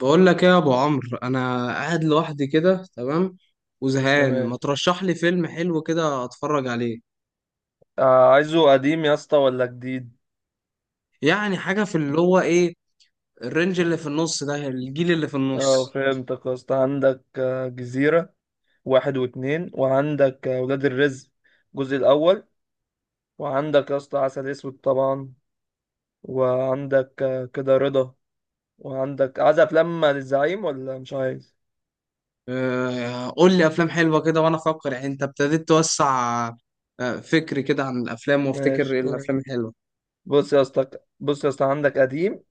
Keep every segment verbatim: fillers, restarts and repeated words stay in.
بقول لك ايه يا ابو عمرو؟ انا قاعد لوحدي كده، تمام، وزهقان. تمام. ما ترشح لي فيلم حلو كده اتفرج عليه؟ آه عايزه قديم يا اسطى ولا جديد؟ يعني حاجه في اللي هو ايه، الرينج اللي في النص ده، الجيل اللي في اه، النص. فهمتك يا اسطى. عندك آه، جزيرة واحد واتنين، وعندك آه، ولاد الرزق الجزء الأول، وعندك يا اسطى عسل أسود طبعا، وعندك آه، كده رضا، وعندك عايز أفلام للزعيم ولا مش عايز؟ آه، قول لي افلام حلوه كده وانا افكر. يعني انت ابتديت توسع، آه، فكري كده عن الافلام وافتكر ماشي، إيه تمام. الافلام الحلوه. بص يا اسطى بص يا اسطى، عندك قديم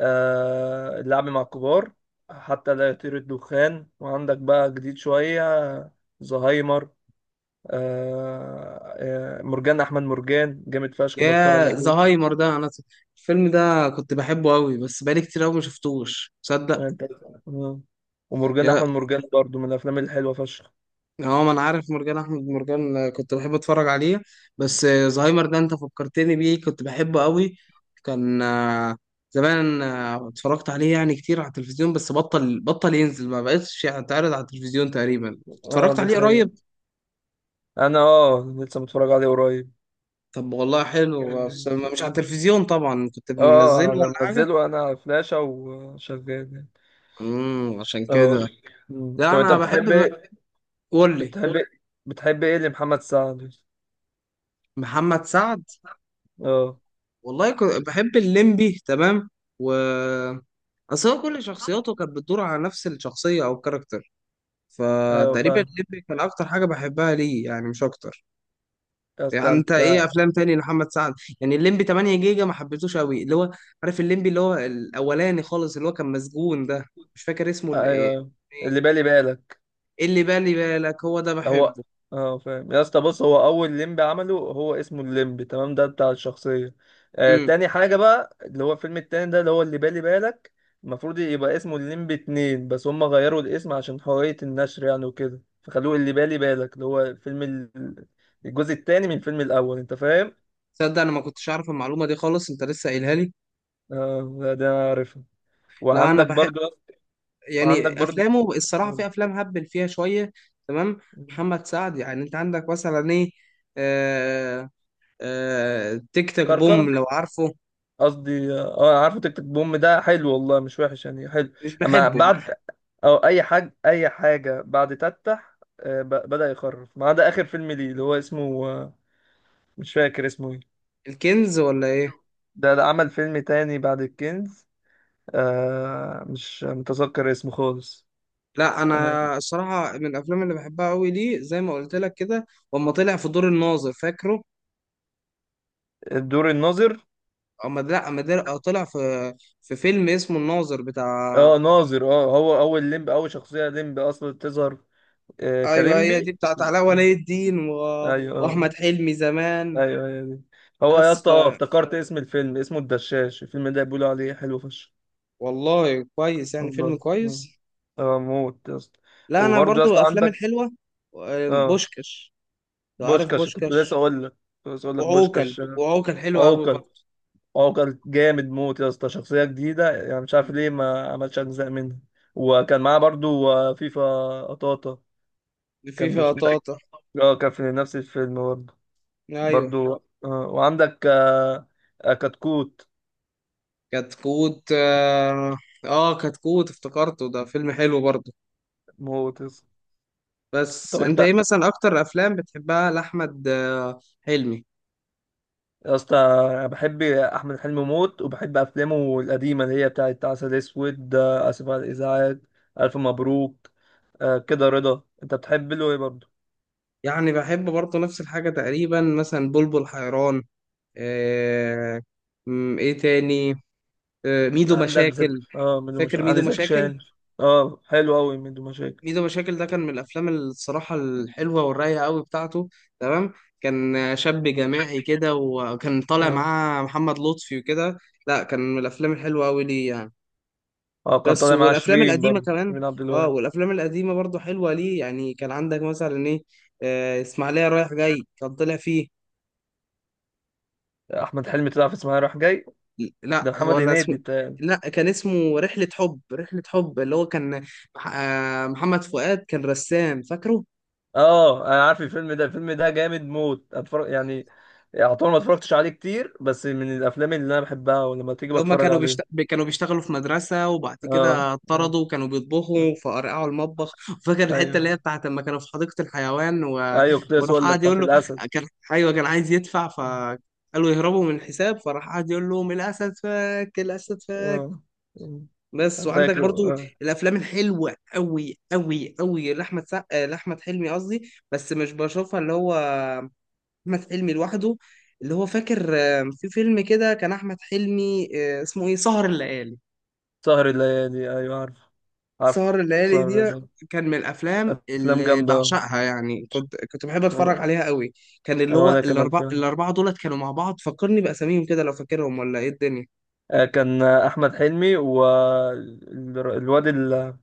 آه اللعب مع الكبار، حتى لا يطير الدخان. وعندك بقى جديد شوية، آه، زهايمر، آه، آه، مرجان احمد مرجان جامد فشخ، بتفرج يا عليه زهايمر ده انا الفيلم ده كنت بحبه قوي، بس بقالي كتير قوي ما شفتوش، تصدق. وانت. آه. ومرجان احمد مرجان برضو من الافلام الحلوه فشخ. اه، ما انا عارف مرجان احمد مرجان، آه، كنت بحب اتفرج عليه. بس آه، زهايمر ده انت فكرتني بيه، كنت بحبه قوي. كان آه، زمان آه، اتفرجت عليه يعني كتير على التلفزيون، بس بطل بطل ينزل، ما بقتش يتعرض على التلفزيون تقريبا. اه، اتفرجت دي عليه حقيقة. قريب. انا اه لسه متفرج عليه قريب. طب والله حلو، بس ما- مش على التلفزيون طبعا، كنت منزله اه، ولا انا حاجة. منزله انا على فلاشة وشغال يعني. امم عشان اه. كده. مم. لا طب انت انا بحب بتحب م- ايه؟ قول لي. بتحب ايه بتحب ايه لمحمد سعد؟ محمد سعد، اه، والله كنت بحب الليمبي، تمام. و اصل هو كل شخصياته كانت بتدور على نفس الشخصية او الكاركتر، ايوه فتقريبا فاهم الليمبي كان اكتر حاجة بحبها ليه، يعني مش اكتر. يا يعني اسطى. انت ايه انت، افلام تاني لمحمد سعد؟ يعني الليمبي ثمانية جيجا ما حبيتوش قوي، اللي هو عارف الليمبي اللي هو الاولاني خالص، اللي هو كان مسجون ده، مش فاكر اسمه، ال- ايه، ايوه، اللي إيه؟ بالي بالك اللي بالي بالك، هو ده هو. بحبه. اه، فاهم يا اسطى، بص هو اول ليمب عمله، هو اسمه الليمب تمام، ده بتاع الشخصيه. آه امم. تاني حاجه بقى اللي هو الفيلم التاني ده اللي هو اللي بالي بالك. المفروض يبقى اسمه الليمب اتنين، بس هم غيروا الاسم عشان حريه النشر يعني وكده، فخلوه اللي بالي بالك، اللي هو فيلم ال- الجزء التاني من الفيلم الاول، انت فاهم. تصدق انا ما كنتش عارف المعلومة دي خالص، انت لسه قايلها لي. اه لا، ده انا عارفها. لا انا وعندك بحب، برضو. وعندك يعني برضو افلامه الصراحه في افلام هبل فيها شويه. تمام. محمد سعد يعني انت عندك مثلا ايه؟ آه آه تيك تاك كركر. بوم لو عارفه. قصدي، اه عارفه تيك تيك بوم؟ ده حلو والله، مش وحش يعني، حلو. مش اما بحبه. بعد، او اي حاجه، اي حاجه بعد تتح آه، ب- بدأ يخرف، ما عدا اخر فيلم ليه اللي هو اسمه، آه، مش فاكر اسمه ايه. الكنز ولا ايه؟ ده ده عمل فيلم تاني بعد الكنز، آه، مش متذكر اسمه خالص. لا آه، انا الصراحه من الافلام اللي بحبها قوي ليه، زي ما قلت لك كده، اما طلع في دور الناظر، فاكره؟ الدور الناظر. اما لا، اما در- آه، طلع في في فيلم اسمه الناظر بتاع. اه، ناظر. اه، هو اول ليمب، اول شخصيه ليمب اصلا تظهر، آه، ايوه، هي دي كليمبي. بتاعت علاء ولي آه، الدين و... ايوه، اه. واحمد حلمي زمان. ايوه هي دي. هو يا بس اسطى، اه افتكرت اسم الفيلم، اسمه الدشاش. الفيلم ده بيقولوا عليه حلو فشخ. والله كويس، يعني فيلم الله. اه. كويس. آه، موت يا اسطى. لا انا وبرضه يا برضو اسطى افلام عندك. الحلوه، آه، اه، بوشكش، لو عارف بوشكاش، كنت لسه بوشكش. اقول لك. كنت لسه اقول لك وعوكل بوشكاش آه، وعوكل حلو قوي عوكل. برضو. عوكل جامد موت يا اسطى، شخصية جديدة يعني، مش عارف ليه ما عملش اجزاء منها. وكان معاه برضه آه، فيفا، قطاطا. في كان فيها مش طاطا. اه، كان في نفس الفيلم برضه. ايوه، برضه. آه. وعندك آه، آه، كتكوت، كتكوت، اه. آه، كتكوت افتكرته، ده فيلم حلو برضو. موت يا اسطى. بس طب انت انت ايه مثلا اكتر افلام بتحبها لاحمد آه، حلمي؟ يا اسطى، انا بحب احمد حلمي موت، وبحب افلامه القديمه اللي هي بتاعت عسل اسود، آه، اسف على الازعاج، الف مبروك. آه، كده رضا، انت بتحب له ايه برضه؟ يعني بحب برضو نفس الحاجه تقريبا، مثلا بلبل حيران، آه، م، ايه تاني، آه، ميدو عندك مشاكل. زك اه ميدو فاكر مشاكل، ميدو عندي زكي مشاكل؟ شان. اه، حلو قوي ميدو مشاكل. ميدو مشاكل ده كان من الافلام الصراحه الحلوه والرايقه قوي بتاعته. تمام. كان شاب جماعي كده، وكان طالع اه، معاه محمد لطفي وكده. لا، كان من الافلام الحلوه قوي ليه يعني. اه، كان بس طالع مع والافلام شيرين القديمه برضه، كمان. شيرين عبد اه، الوهاب. والافلام القديمه برضو حلوه ليه يعني. كان عندك مثلا ايه؟ آه، اسماعيليه رايح جاي كان طلع فيه. احمد حلمي طلع في اسمها رايح جاي؟ لا، ده محمد ولا اسمه. هنيدي بتاع. لا، كان اسمه رحلة حب. رحلة حب، اللي هو كان مح- آه، محمد فؤاد كان رسام، فاكره؟ اه، انا عارف الفيلم ده. الفيلم ده جامد موت، اتفرج يعني. يعتبر ما اتفرجتش عليه كتير، بس من الافلام اللي انا بحبها، ولما تيجي اللي هم بتفرج كانوا بيشت... عليه. كانوا بيشتغلوا في مدرسة، وبعد اه. كده آه، اتطردوا، وكانوا آه. بيطبخوا فقرقعوا المطبخ. فاكر الحتة اللي ايوه، هي بتاعت لما كانوا في حديقة الحيوان و... ايوه، كنت لسه وراح اقول لك قاعد بتاعت يقول له، الاسد. كان ايوه كان عايز يدفع فقالوا يهربوا من الحساب، فراح قاعد يقول لهم الأسد فك، الأسد فك. اه. آه. بس. أنا وعندك فاكر. برضو آه. الافلام الحلوه قوي قوي قوي لاحمد سع... لاحمد حلمي قصدي، بس مش بشوفها، اللي هو احمد حلمي لوحده، اللي هو فاكر آه، في فيلم كده كان احمد حلمي، آه، اسمه ايه، سهر الليالي. سهر الليالي، ايوه عارف. عارف سهر الليالي سهر دي الليالي. كان من الافلام افلام اللي جامده. بعشقها، يعني كنت كنت بحب آه. اتفرج عليها قوي. كان اللي آه، هو وانا كمان الاربعه فعلا. الاربعه دولت كانوا مع بعض، فكرني باساميهم كده لو فاكرهم، ولا ايه الدنيا. آه، كان آه، احمد حلمي والواد اللي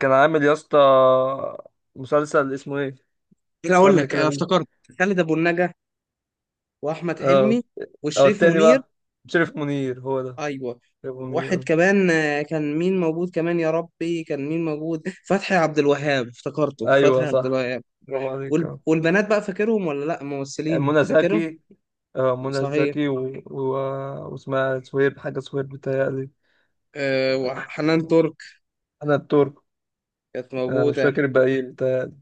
كان عامل يا اسطى مسلسل اسمه ايه، ايه اقول قرن لك، كده آه، بيه. افتكرت، خالد ابو النجا، واحمد اه، حلمي، اه، وشريف التاني منير، بقى، شريف منير هو ده. ايوه، شريف منير. واحد آه. كمان آه، كان مين موجود كمان، يا ربي كان مين موجود؟ فتحي عبد الوهاب، افتكرته فتحي ايوه عبد صح، الوهاب. برافو عليك. وال... آه. والبنات بقى فاكرهم ولا لا، ممثلين منى فاكرهم. زكي. آه، منى صحيح، زكي و... و... واسمها سويب، حاجة سويب بتهيألي. أه، وحنان آه، ترك أنا الترك. كانت آه، مش موجودة. فاكر الباقيين بتهيألي.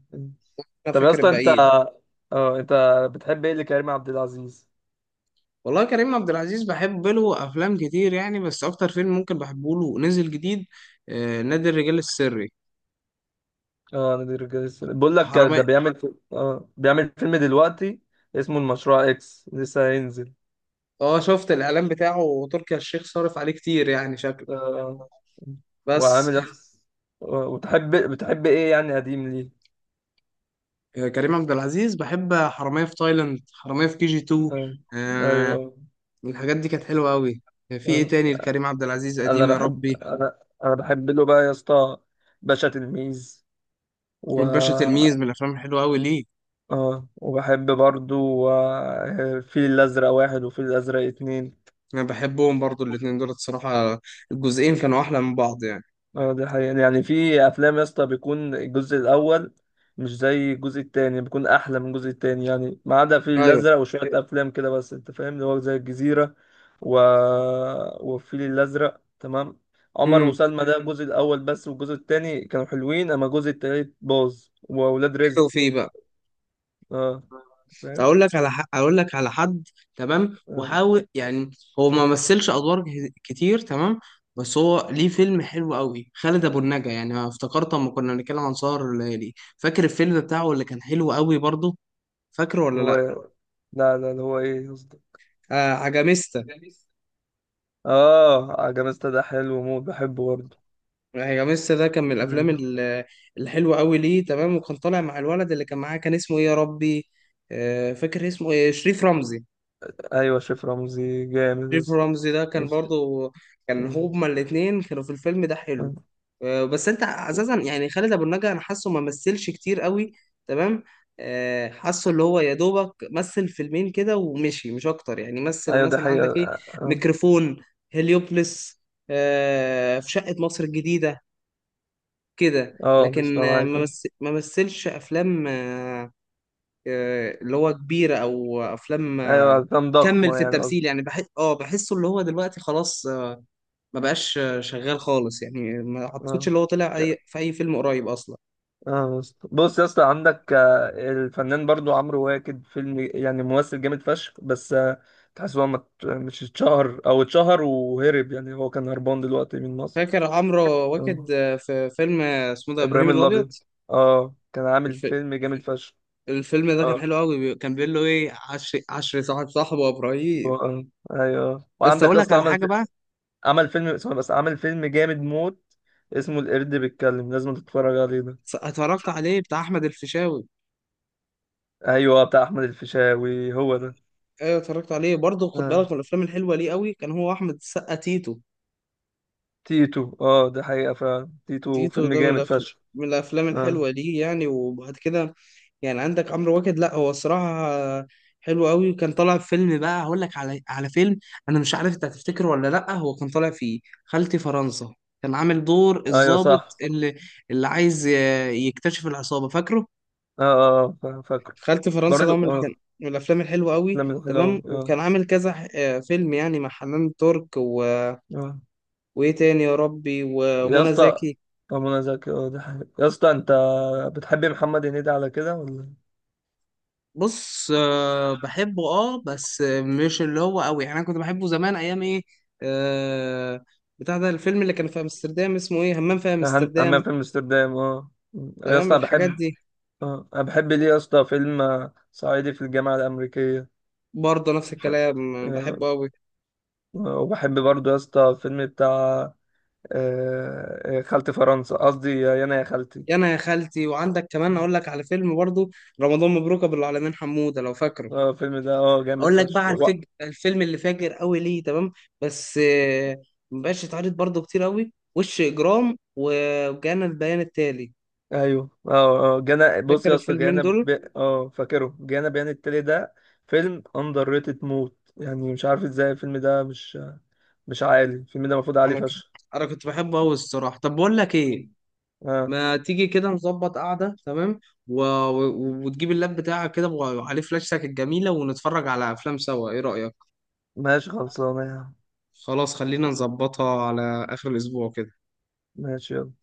أنا طب يا فاكر اسطى، أنت، الباقيين. اه أنت بتحب إيه لكريم عبد العزيز؟ والله كريم عبد العزيز بحب له أفلام كتير يعني، بس أكتر فيلم ممكن بحبه له نزل جديد أه نادي الرجال السري، اه، نادي الرجال السري. بقول لك ده وحرامية. بيعمل في... اه بيعمل فيلم دلوقتي اسمه المشروع إكس، لسه هينزل. اه، شفت الإعلان بتاعه، وتركي آل الشيخ صارف عليه كتير، يعني شكله. آه، بس وعامل نفس. آه، وتحب بتحب إيه يعني قديم ليه؟ آه، كريم عبد العزيز بحب حرامية في تايلاند، حرامية في كي جي اتنين. آه، آه، أيوه. الحاجات دي كانت حلوة أوي. آه، في إيه آه. تاني لكريم عبد العزيز انا قديم يا بحب ربي؟ انا انا بحب له بقى يا اسطى باشا تلميذ. و باشا تلميذ من الافلام الحلوه قوي ليه. اه وبحب برضو آه، الفيل الازرق واحد وفيل الازرق اتنين. انا بحبهم برضو الاثنين دول الصراحه، الجزئين كانوا احلى من بعض يعني. اه، دي حقيقة، يعني في أفلام يا اسطى بيكون الجزء الأول مش زي الجزء التاني، بيكون أحلى من الجزء التاني يعني، ما عدا في ايوه. الأزرق وشوية أوكي. أفلام كده، بس أنت فاهم اللي هو زي الجزيرة و... والفيل الأزرق تمام، عمر امم، وسلمى ده الجزء الأول بس، والجزء التاني كانوا حلوين، أما الجزء التالت باظ، وأولاد حلو رزق. فيه بقى. اه، فاهم. اقول لك على ح... اقول لك على حد، تمام، آه، وحاول يعني، هو ما مثلش ادوار ك- كتير، تمام، بس هو ليه فيلم حلو قوي، خالد ابو النجا. يعني أنا افتكرت اما كنا بنتكلم عن سهر الليالي، فاكر الفيلم بتاعه اللي كان حلو قوي برضه؟ فاكره اللي ولا هو، لا؟ لا لا اللي هو إيه قصدي. آه، عجميستا. اه، عجمست ده حلو موت، بحبه برضه. هي ميسا ده كان من الافلام ال- الحلوه قوي ليه، تمام. وكان طالع مع الولد اللي كان معاه، كان اسمه ايه يا ربي، آه، فاكر اسمه ايه، شريف رمزي. أيوة، شيف رمزي جامد شريف رمزي ده يا كان اسطى. برضو، كان مم. هما الاتنين كانوا في الفيلم ده حلو. مم. آه، بس انت اساسا يعني خالد ابو النجا انا حاسه ما مثلش كتير قوي، تمام. آه، حاسه اللي هو يا دوبك مثل فيلمين كده ومشي، مش اكتر. يعني مثل ايوه، دي مثلا حقيقة. عندك ايه، اه. ميكروفون، هليوبلس، آه، في شقة مصر الجديدة، كده، آه، بس لكن أنا آه، معاك. ما مث- ما مثلش افلام آه، آه، اللي هو كبيره، او افلام ايوه، آه، افلام كمل ضخمة في يعني قصدي. التمثيل يعني. بحس، اه بحسه اللي هو دلوقتي خلاص، آه، ما بقاش آه، شغال خالص يعني، ما اعتقدش اه، اللي هو طلع اي في اي فيلم قريب اصلا. اه، بس- بص يا اسطى، عندك آه، الفنان برضو عمرو واكد، فيلم يعني، ممثل جامد فشخ، بس آه، تحس هو ما ات- مش اتشهر، او اتشهر وهرب يعني، هو كان هربان دلوقتي من مصر. فاكر عمرو واكد اه، آه، في فيلم آه، اسمه ده ابراهيم ابراهيم الابيض. الابيض. اه، كان عامل الف... فيلم جامد فشخ. الفيلم ده كان اه، حلو قوي. بي- كان بيقول له ايه، عشر عشر صاحب صاحبه يا و- ابراهيم. آه، ايوه بس وعندك اقول يا لك اسطى على عمل حاجه بقى. عمل فيلم اسمه بس عمل فيلم جامد موت اسمه القرد بيتكلم، لازم تتفرج عليه ده. اتفرجت عليه، بتاع احمد الفيشاوي. ايوه، بتاع احمد الفيشاوي هو ده. ايوه، اتفرجت عليه برضه. خد آه. بالك من الافلام الحلوه ليه قوي كان هو احمد السقا، تيتو. تيتو، اه، ده حقيقة فعلا، تيتو تيتو فيلم ده من جامد الافلام فشخ. من الافلام اه، الحلوه ليه يعني. وبعد كده يعني عندك عمرو واكد، لا هو الصراحه حلو قوي. وكان طالع في فيلم بقى، هقول لك على على فيلم، انا مش عارف انت هتفتكره ولا لا. هو كان طالع فيه خالتي فرنسا، كان عامل دور ايوه الضابط صح. اللي اللي عايز ي- يكتشف العصابه، فاكره؟ اه، اه، آه، فاكره. خالتي فرنسا ده برضو من كان اه. من الافلام الحلوه قوي، لم تمام. الحلو اه. وكان عامل كذا ح- آه، فيلم يعني مع حنان ترك و اه. وايه تاني يا ربي، يا ومنى اسطى. زكي. آه، منى زكي، اه ده حقيقة يا اسطى. انت بتحب محمد هنيدي على كده ولا؟ بص، آه، بحبه اه، بس آه، مش اللي هو قوي يعني، انا كنت بحبه زمان، ايام ايه، آه بتاع ده الفيلم اللي كان في امستردام اسمه ايه، همام في هن- امستردام، همام في امستردام، اه. يا تمام، اسطى انا الحاجات بحب. دي. اه، انا بحب ليه يا اسطى فيلم آه، صعيدي في الجامعه الامريكيه. برضه نفس ف- الكلام، آه، آه، بحبه قوي. آه، وبحب برضه يا اسطى فيلم بتاع، آه، آه، خالتي فرنسا قصدي، يا انا يا خالتي. يا انا يا خالتي، وعندك كمان اقول لك على فيلم برضه، رمضان مبروك ابو العالمين حمودة، لو فاكره. اه، الفيلم ده، اه، جامد اقول لك بقى فشخ على و- الفج... الفيلم اللي فاجر قوي ليه، تمام، بس آه، مبقاش يتعرض برضه كتير قوي، وش اجرام، و- وجانا البيان التالي، ايوه. اه، اه، جانا، بص فاكر يا اسطى، الفيلمين جانا دول؟ ب... اه فاكره جانا بيان التالي ده. فيلم اندر ريتد موت يعني، مش عارف ازاي الفيلم ده مش مش عالي، الفيلم ده المفروض عالي انا كنت فشخ. انا كنت بحبه قوي الصراحه. طب بقول لك ايه، اه، ما تيجي كده نظبط قعده، تمام، و... و... وتجيب اللاب بتاعك كده، وعليه فلاشتك الجميله، ونتفرج على افلام سوا، ايه رايك؟ ماشي خلصانه يا عم. خلاص، خلينا نظبطها على اخر الاسبوع كده. ماشي يلا.